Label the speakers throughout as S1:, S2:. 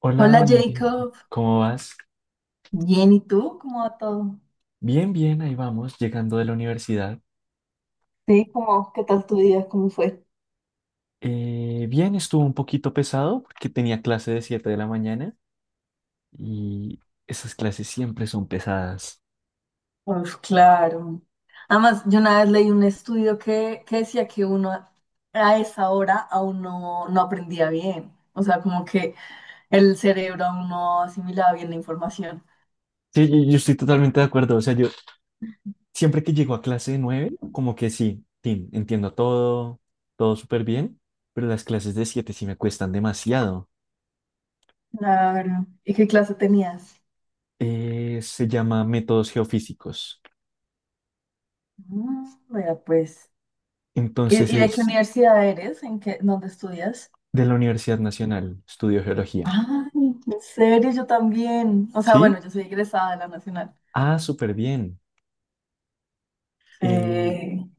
S1: Hola
S2: Hola
S1: Valentina,
S2: Jacob,
S1: ¿cómo vas?
S2: bien, ¿y tú? ¿Cómo va todo?
S1: Bien, bien, ahí vamos, llegando de la universidad.
S2: Sí, ¿cómo? ¿Qué tal tu día? ¿Cómo fue?
S1: Bien, estuvo un poquito pesado porque tenía clase de 7 de la mañana y esas clases siempre son pesadas.
S2: Pues claro. Además, yo una vez leí un estudio que decía que uno a esa hora aún no aprendía bien. O sea, como que el cerebro aún no asimilaba bien la información.
S1: Sí, yo estoy totalmente de acuerdo, o sea, yo siempre que llego a clase de 9 como que sí, Tim, entiendo todo, todo súper bien, pero las clases de 7 sí me cuestan demasiado.
S2: Claro. ¿Y qué clase tenías?
S1: Se llama métodos geofísicos,
S2: Mm, mira, pues. ¿Y,
S1: entonces
S2: y de qué
S1: es
S2: universidad eres? ¿En qué, dónde estudias?
S1: de la Universidad Nacional, estudio geología.
S2: Ay, en serio, yo también. O sea,
S1: ¿Sí?
S2: bueno, yo soy egresada de la Nacional.
S1: Ah, súper bien. Eh,
S2: Sí.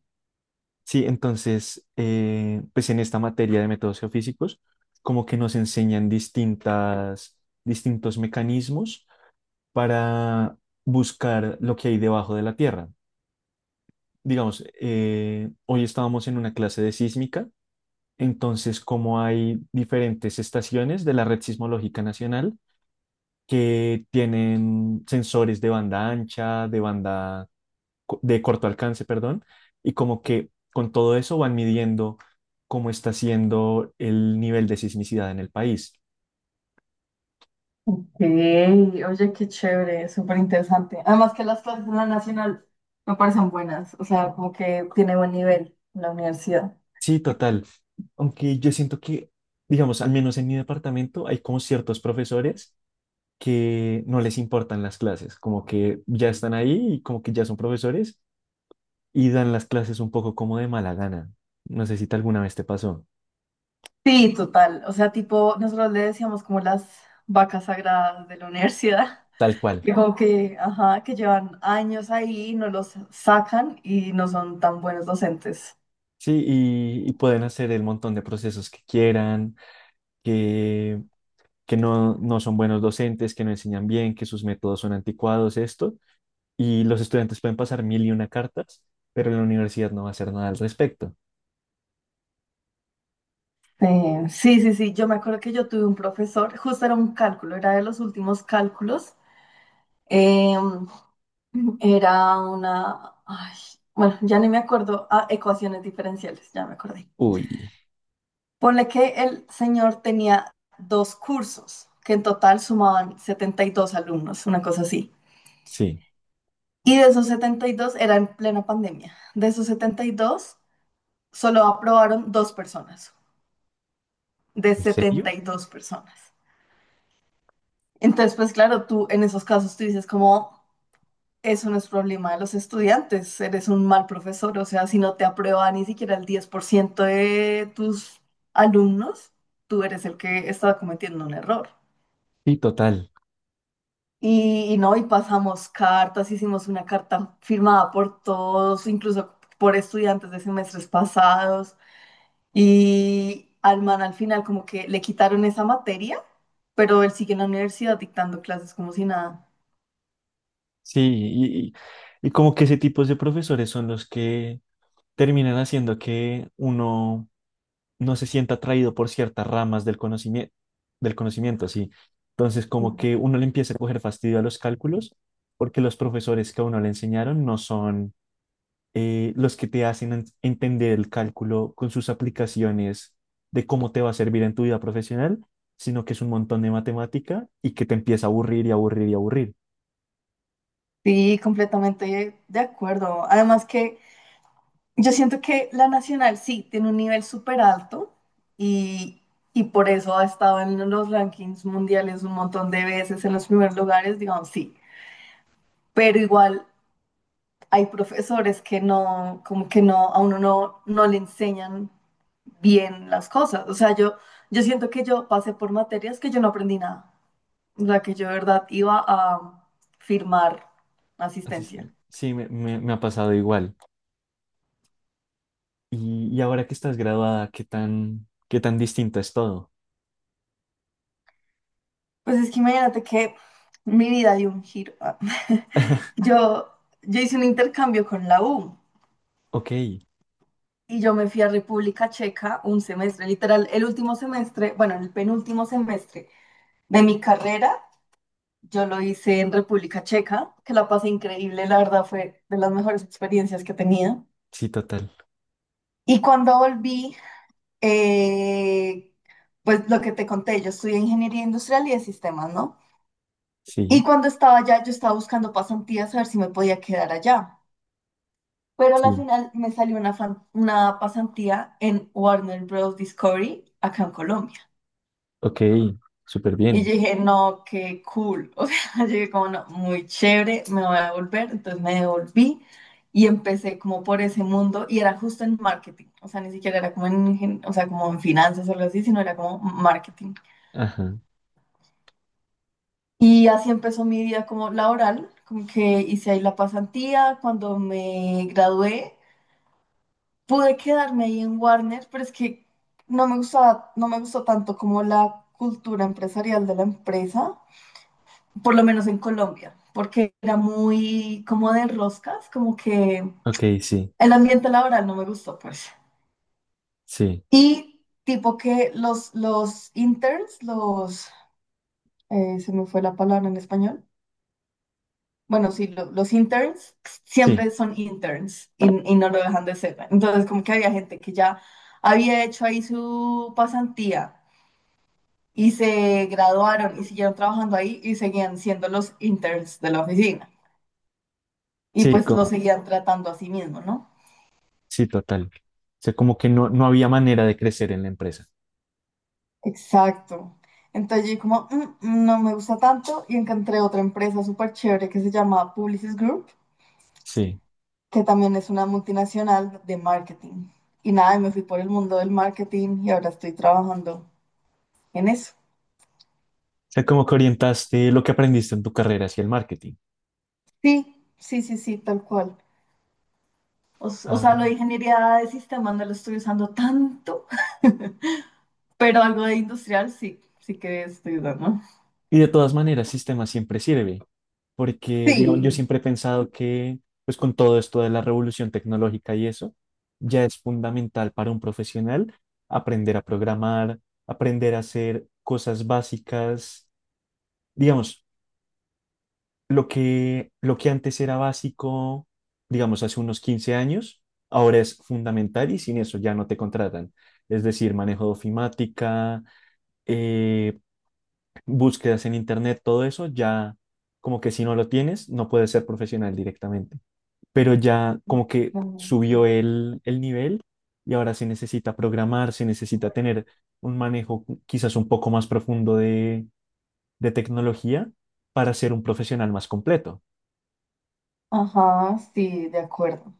S1: sí, entonces, pues en esta materia de métodos geofísicos, como que nos enseñan distintos mecanismos para buscar lo que hay debajo de la Tierra. Digamos, hoy estábamos en una clase de sísmica, entonces como hay diferentes estaciones de la Red Sismológica Nacional que tienen sensores de banda ancha, de banda de corto alcance, perdón, y como que con todo eso van midiendo cómo está siendo el nivel de sismicidad en el país.
S2: Sí, oye, qué chévere, súper interesante. Además que las clases en la Nacional me parecen buenas, o sea, como que tiene buen nivel la universidad.
S1: Sí, total. Aunque yo siento que, digamos, al menos en mi departamento hay como ciertos profesores que no les importan las clases, como que ya están ahí y como que ya son profesores y dan las clases un poco como de mala gana. No sé si alguna vez te pasó.
S2: Sí, total, o sea, tipo, nosotros le decíamos como las vacas sagradas de la universidad,
S1: Tal cual.
S2: que como que, ajá, que llevan años ahí, y no los sacan y no son tan buenos docentes.
S1: Sí, y pueden hacer el montón de procesos que quieran, que no son buenos docentes, que no enseñan bien, que sus métodos son anticuados, esto, y los estudiantes pueden pasar mil y una cartas, pero la universidad no va a hacer nada al respecto.
S2: Sí, sí, sí, yo me acuerdo que yo tuve un profesor, justo era un cálculo, era de los últimos cálculos. em, Era una... Ay, bueno, ya ni me acuerdo. Ah, ecuaciones diferenciales, ya me acordé.
S1: Uy,
S2: Ponle que el señor tenía dos cursos, que en total sumaban 72 alumnos, una cosa así.
S1: sí.
S2: Y de esos 72 era en plena pandemia, de esos 72 solo aprobaron dos personas, de
S1: ¿En serio?
S2: 72 personas. Entonces, pues claro, tú en esos casos tú dices como... Eso no es problema de los estudiantes, eres un mal profesor, o sea, si no te aprueba ni siquiera el 10% de tus alumnos, tú eres el que está cometiendo un error.
S1: Sí, total.
S2: Y no, y pasamos cartas, hicimos una carta firmada por todos, incluso por estudiantes de semestres pasados, y al final como que le quitaron esa materia, pero él sigue en la universidad dictando clases como si nada.
S1: Sí, y como que ese tipo de profesores son los que terminan haciendo que uno no se sienta atraído por ciertas ramas del conocimiento, sí. Entonces, como
S2: Mm.
S1: que uno le empieza a coger fastidio a los cálculos porque los profesores que a uno le enseñaron no son los que te hacen entender el cálculo con sus aplicaciones de cómo te va a servir en tu vida profesional, sino que es un montón de matemática y que te empieza a aburrir y aburrir y aburrir.
S2: Sí, completamente de acuerdo. Además que... Yo siento que la Nacional sí tiene un nivel súper alto y, y por eso ha estado en los rankings mundiales un montón de veces en los primeros lugares, digamos, sí. Pero igual hay profesores que no, como que no, a uno no le enseñan bien las cosas. O sea, yo siento que yo pasé por materias que yo no aprendí nada. O sea, que yo de verdad iba a firmar
S1: Así es.
S2: asistencia.
S1: Sí, me ha pasado igual. Y ahora que estás graduada, qué tan distinto es todo?
S2: Pues es que imagínate que mi vida dio un giro. Ah. Yo, yo hice un intercambio con la U
S1: Ok,
S2: y yo me fui a República Checa un semestre, literal, el último semestre, bueno, el penúltimo semestre de mi carrera, yo lo hice en República Checa, que la pasé increíble, la verdad fue de las mejores experiencias que tenía.
S1: sí, total.
S2: Y cuando volví, eh, pues lo que te conté, yo estudié ingeniería industrial y de sistemas, ¿no? Y
S1: Sí,
S2: cuando estaba allá, yo estaba buscando pasantías a ver si me podía quedar allá. Pero a la
S1: sí.
S2: final me salió una, una pasantía en Warner Bros. Discovery acá en Colombia.
S1: Ok, súper
S2: Y
S1: bien.
S2: yo dije, no, qué cool. O sea, yo dije como, no, muy chévere, me voy a devolver. Entonces me devolví y empecé como por ese mundo y era justo en marketing. O sea, ni siquiera era como en, o sea, como en finanzas o algo así, sino era como marketing.
S1: Ajá.
S2: Y así empezó mi vida como laboral, como que hice ahí la pasantía. Cuando me gradué, pude quedarme ahí en Warner, pero es que no me gustaba, no me gustó tanto como la cultura empresarial de la empresa, por lo menos en Colombia, porque era muy como de roscas, como que
S1: Ok, sí,
S2: el ambiente laboral no me gustó, pues.
S1: sí,
S2: Y tipo que los interns, los, se me fue la palabra en español. Bueno, sí, los interns
S1: sí,
S2: siempre son interns y no lo dejan de ser. Entonces, como que había gente que ya había hecho ahí su pasantía y se graduaron y siguieron trabajando ahí y seguían siendo los interns de la oficina. Y
S1: sí,
S2: pues lo
S1: como,
S2: seguían tratando a sí mismo, ¿no?
S1: sí, total. O sea, como que no, no había manera de crecer en la empresa.
S2: Exacto. Entonces yo como, "Mm, mm, no me gusta tanto y encontré otra empresa súper chévere que se llama Publicis Group,
S1: Sí.
S2: que también es una multinacional de marketing. Y nada, y me fui por el mundo del marketing y ahora estoy trabajando en eso.
S1: O sea, como que orientaste lo que aprendiste en tu carrera hacia el marketing.
S2: Sí, sí, sí, sí, tal cual. O sea, lo
S1: Ah,
S2: de ingeniería de sistemas no lo estoy usando tanto. Pero algo de industrial sí, sí que estoy dando.
S1: y de todas maneras, sistema siempre sirve, porque, digamos, yo
S2: Sí.
S1: siempre he pensado que, pues con todo esto de la revolución tecnológica y eso, ya es fundamental para un profesional aprender a programar, aprender a hacer cosas básicas, digamos, lo que antes era básico, digamos, hace unos 15 años, ahora es fundamental y sin eso ya no te contratan. Es decir, manejo de ofimática, eh, búsquedas en internet, todo eso, ya como que si no lo tienes, no puedes ser profesional directamente. Pero ya como que
S2: Supongo, sí.
S1: subió el nivel y ahora se necesita programar, se necesita tener un manejo quizás un poco más profundo de tecnología para ser un profesional más completo.
S2: Ajá, sí, de acuerdo.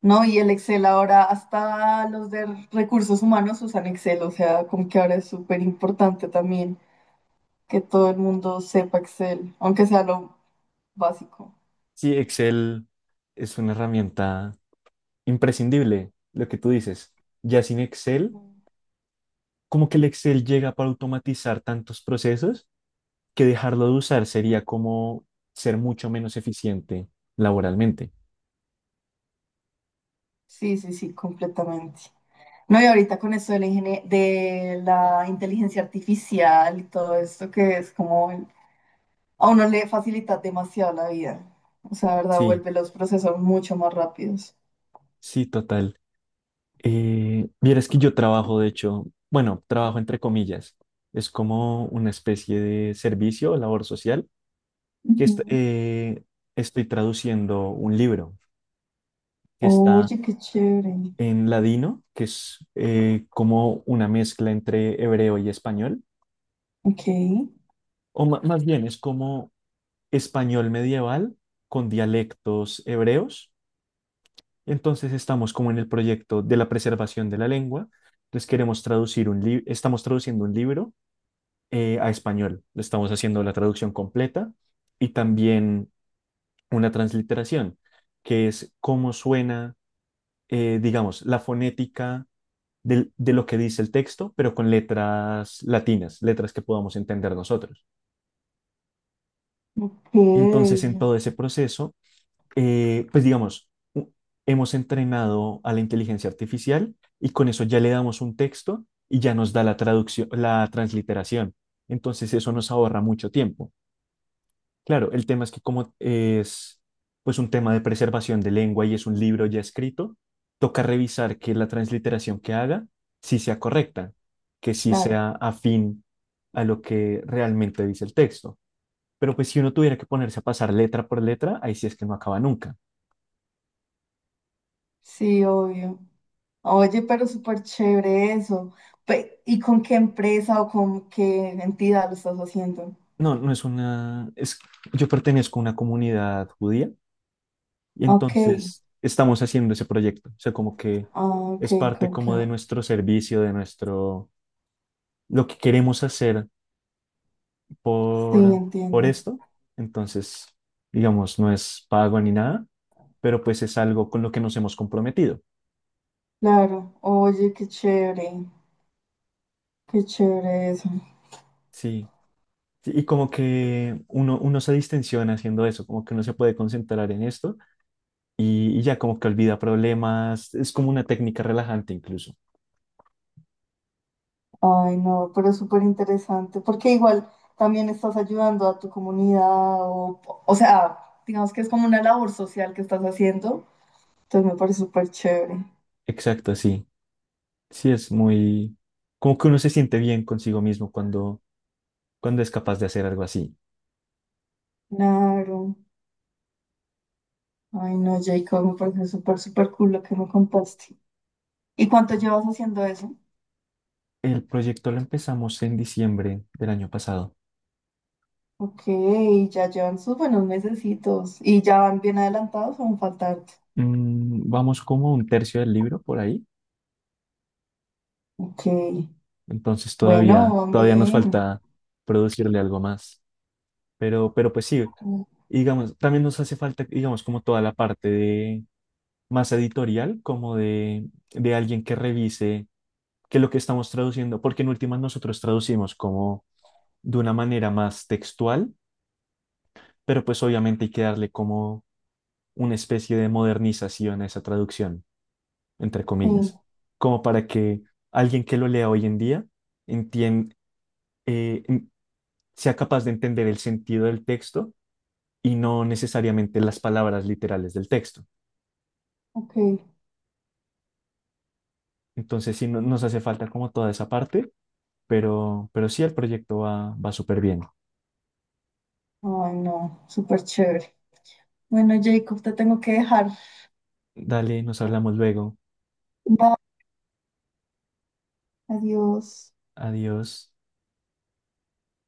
S2: No, y el Excel ahora, hasta los de recursos humanos usan Excel, o sea, como que ahora es súper importante también que todo el mundo sepa Excel, aunque sea lo básico.
S1: Sí, Excel es una herramienta imprescindible, lo que tú dices. Ya sin Excel, como que el Excel llega para automatizar tantos procesos que dejarlo de usar sería como ser mucho menos eficiente laboralmente.
S2: Sí, sí, sí, completamente. No, y ahorita con esto de la, de la inteligencia artificial y todo esto que es como el a uno le facilita demasiado la vida. O sea, la verdad,
S1: Sí,
S2: vuelve los procesos mucho más rápidos.
S1: sí, total. Vieras que yo trabajo, de hecho, bueno, trabajo entre comillas. Es como una especie de servicio o labor social que
S2: Ujú.
S1: estoy traduciendo un libro que está
S2: Oye, qué chévere.
S1: en ladino, que es como una mezcla entre hebreo y español,
S2: Ok,
S1: o más bien es como español medieval con dialectos hebreos. Entonces estamos como en el proyecto de la preservación de la lengua. Entonces queremos traducir un libro, estamos traduciendo un libro, a español. Estamos haciendo la traducción completa y también una transliteración, que es cómo suena, digamos, la fonética de lo que dice el texto, pero con letras latinas, letras que podamos entender nosotros. Entonces, en todo
S2: ok,
S1: ese proceso, pues digamos, hemos entrenado a la inteligencia artificial y con eso ya le damos un texto y ya nos da la traducción, la transliteración. Entonces eso nos ahorra mucho tiempo. Claro, el tema es que como es pues un tema de preservación de lengua y es un libro ya escrito, toca revisar que la transliteración que haga sí sea correcta, que sí
S2: claro.
S1: sea afín a lo que realmente dice el texto. Pero pues si uno tuviera que ponerse a pasar letra por letra, ahí sí es que no acaba nunca.
S2: Sí, obvio. Oye, pero súper chévere eso. ¿Y con qué empresa o con qué entidad lo estás haciendo?
S1: No, no es una, es, yo pertenezco a una comunidad judía y
S2: Ok,
S1: entonces estamos haciendo ese proyecto. O sea, como que
S2: ah, ok,
S1: es parte
S2: ok.
S1: como de nuestro servicio, de nuestro, lo que queremos hacer
S2: Sí,
S1: por, por
S2: entiendo.
S1: esto. Entonces, digamos, no es pago ni nada, pero pues es algo con lo que nos hemos comprometido.
S2: Claro. Oye, qué chévere. Qué chévere eso.
S1: Sí. Sí, y como que uno se distensiona haciendo eso, como que uno se puede concentrar en esto y ya como que olvida problemas, es como una técnica relajante incluso.
S2: Ay, no, pero es súper interesante, porque igual también estás ayudando a tu comunidad, o, o sea, digamos que es como una labor social que estás haciendo, entonces me parece súper chévere.
S1: Exacto, sí. Sí, es muy... Como que uno se siente bien consigo mismo cuando, cuando es capaz de hacer algo así.
S2: Claro, ay, no, Jacob, me parece súper, súper cool lo que me contaste. ¿Y cuánto llevas haciendo eso?
S1: El proyecto lo empezamos en diciembre del año pasado.
S2: Ok, ya llevan sus buenos mesecitos, ¿y ya van bien adelantados o van faltarte?
S1: Mm, vamos como un tercio del libro por ahí.
S2: Ok,
S1: Entonces
S2: bueno, van
S1: todavía nos
S2: bien.
S1: falta producirle algo más. Pero pues sí, digamos, también nos hace falta, digamos, como toda la parte de más editorial, como de alguien que revise. Que lo que estamos traduciendo, porque en últimas nosotros traducimos como de una manera más textual, pero pues obviamente hay que darle como una especie de modernización a esa traducción, entre
S2: Sí,
S1: comillas, como para que alguien que lo lea hoy en día entien- eh, en- sea capaz de entender el sentido del texto y no necesariamente las palabras literales del texto.
S2: ok,
S1: Entonces sí nos hace falta como toda esa parte, pero sí el proyecto va, va súper bien.
S2: ay, no, súper chévere. Bueno, Jacob, te tengo que dejar.
S1: Dale, nos hablamos luego.
S2: Bye, adiós.
S1: Adiós.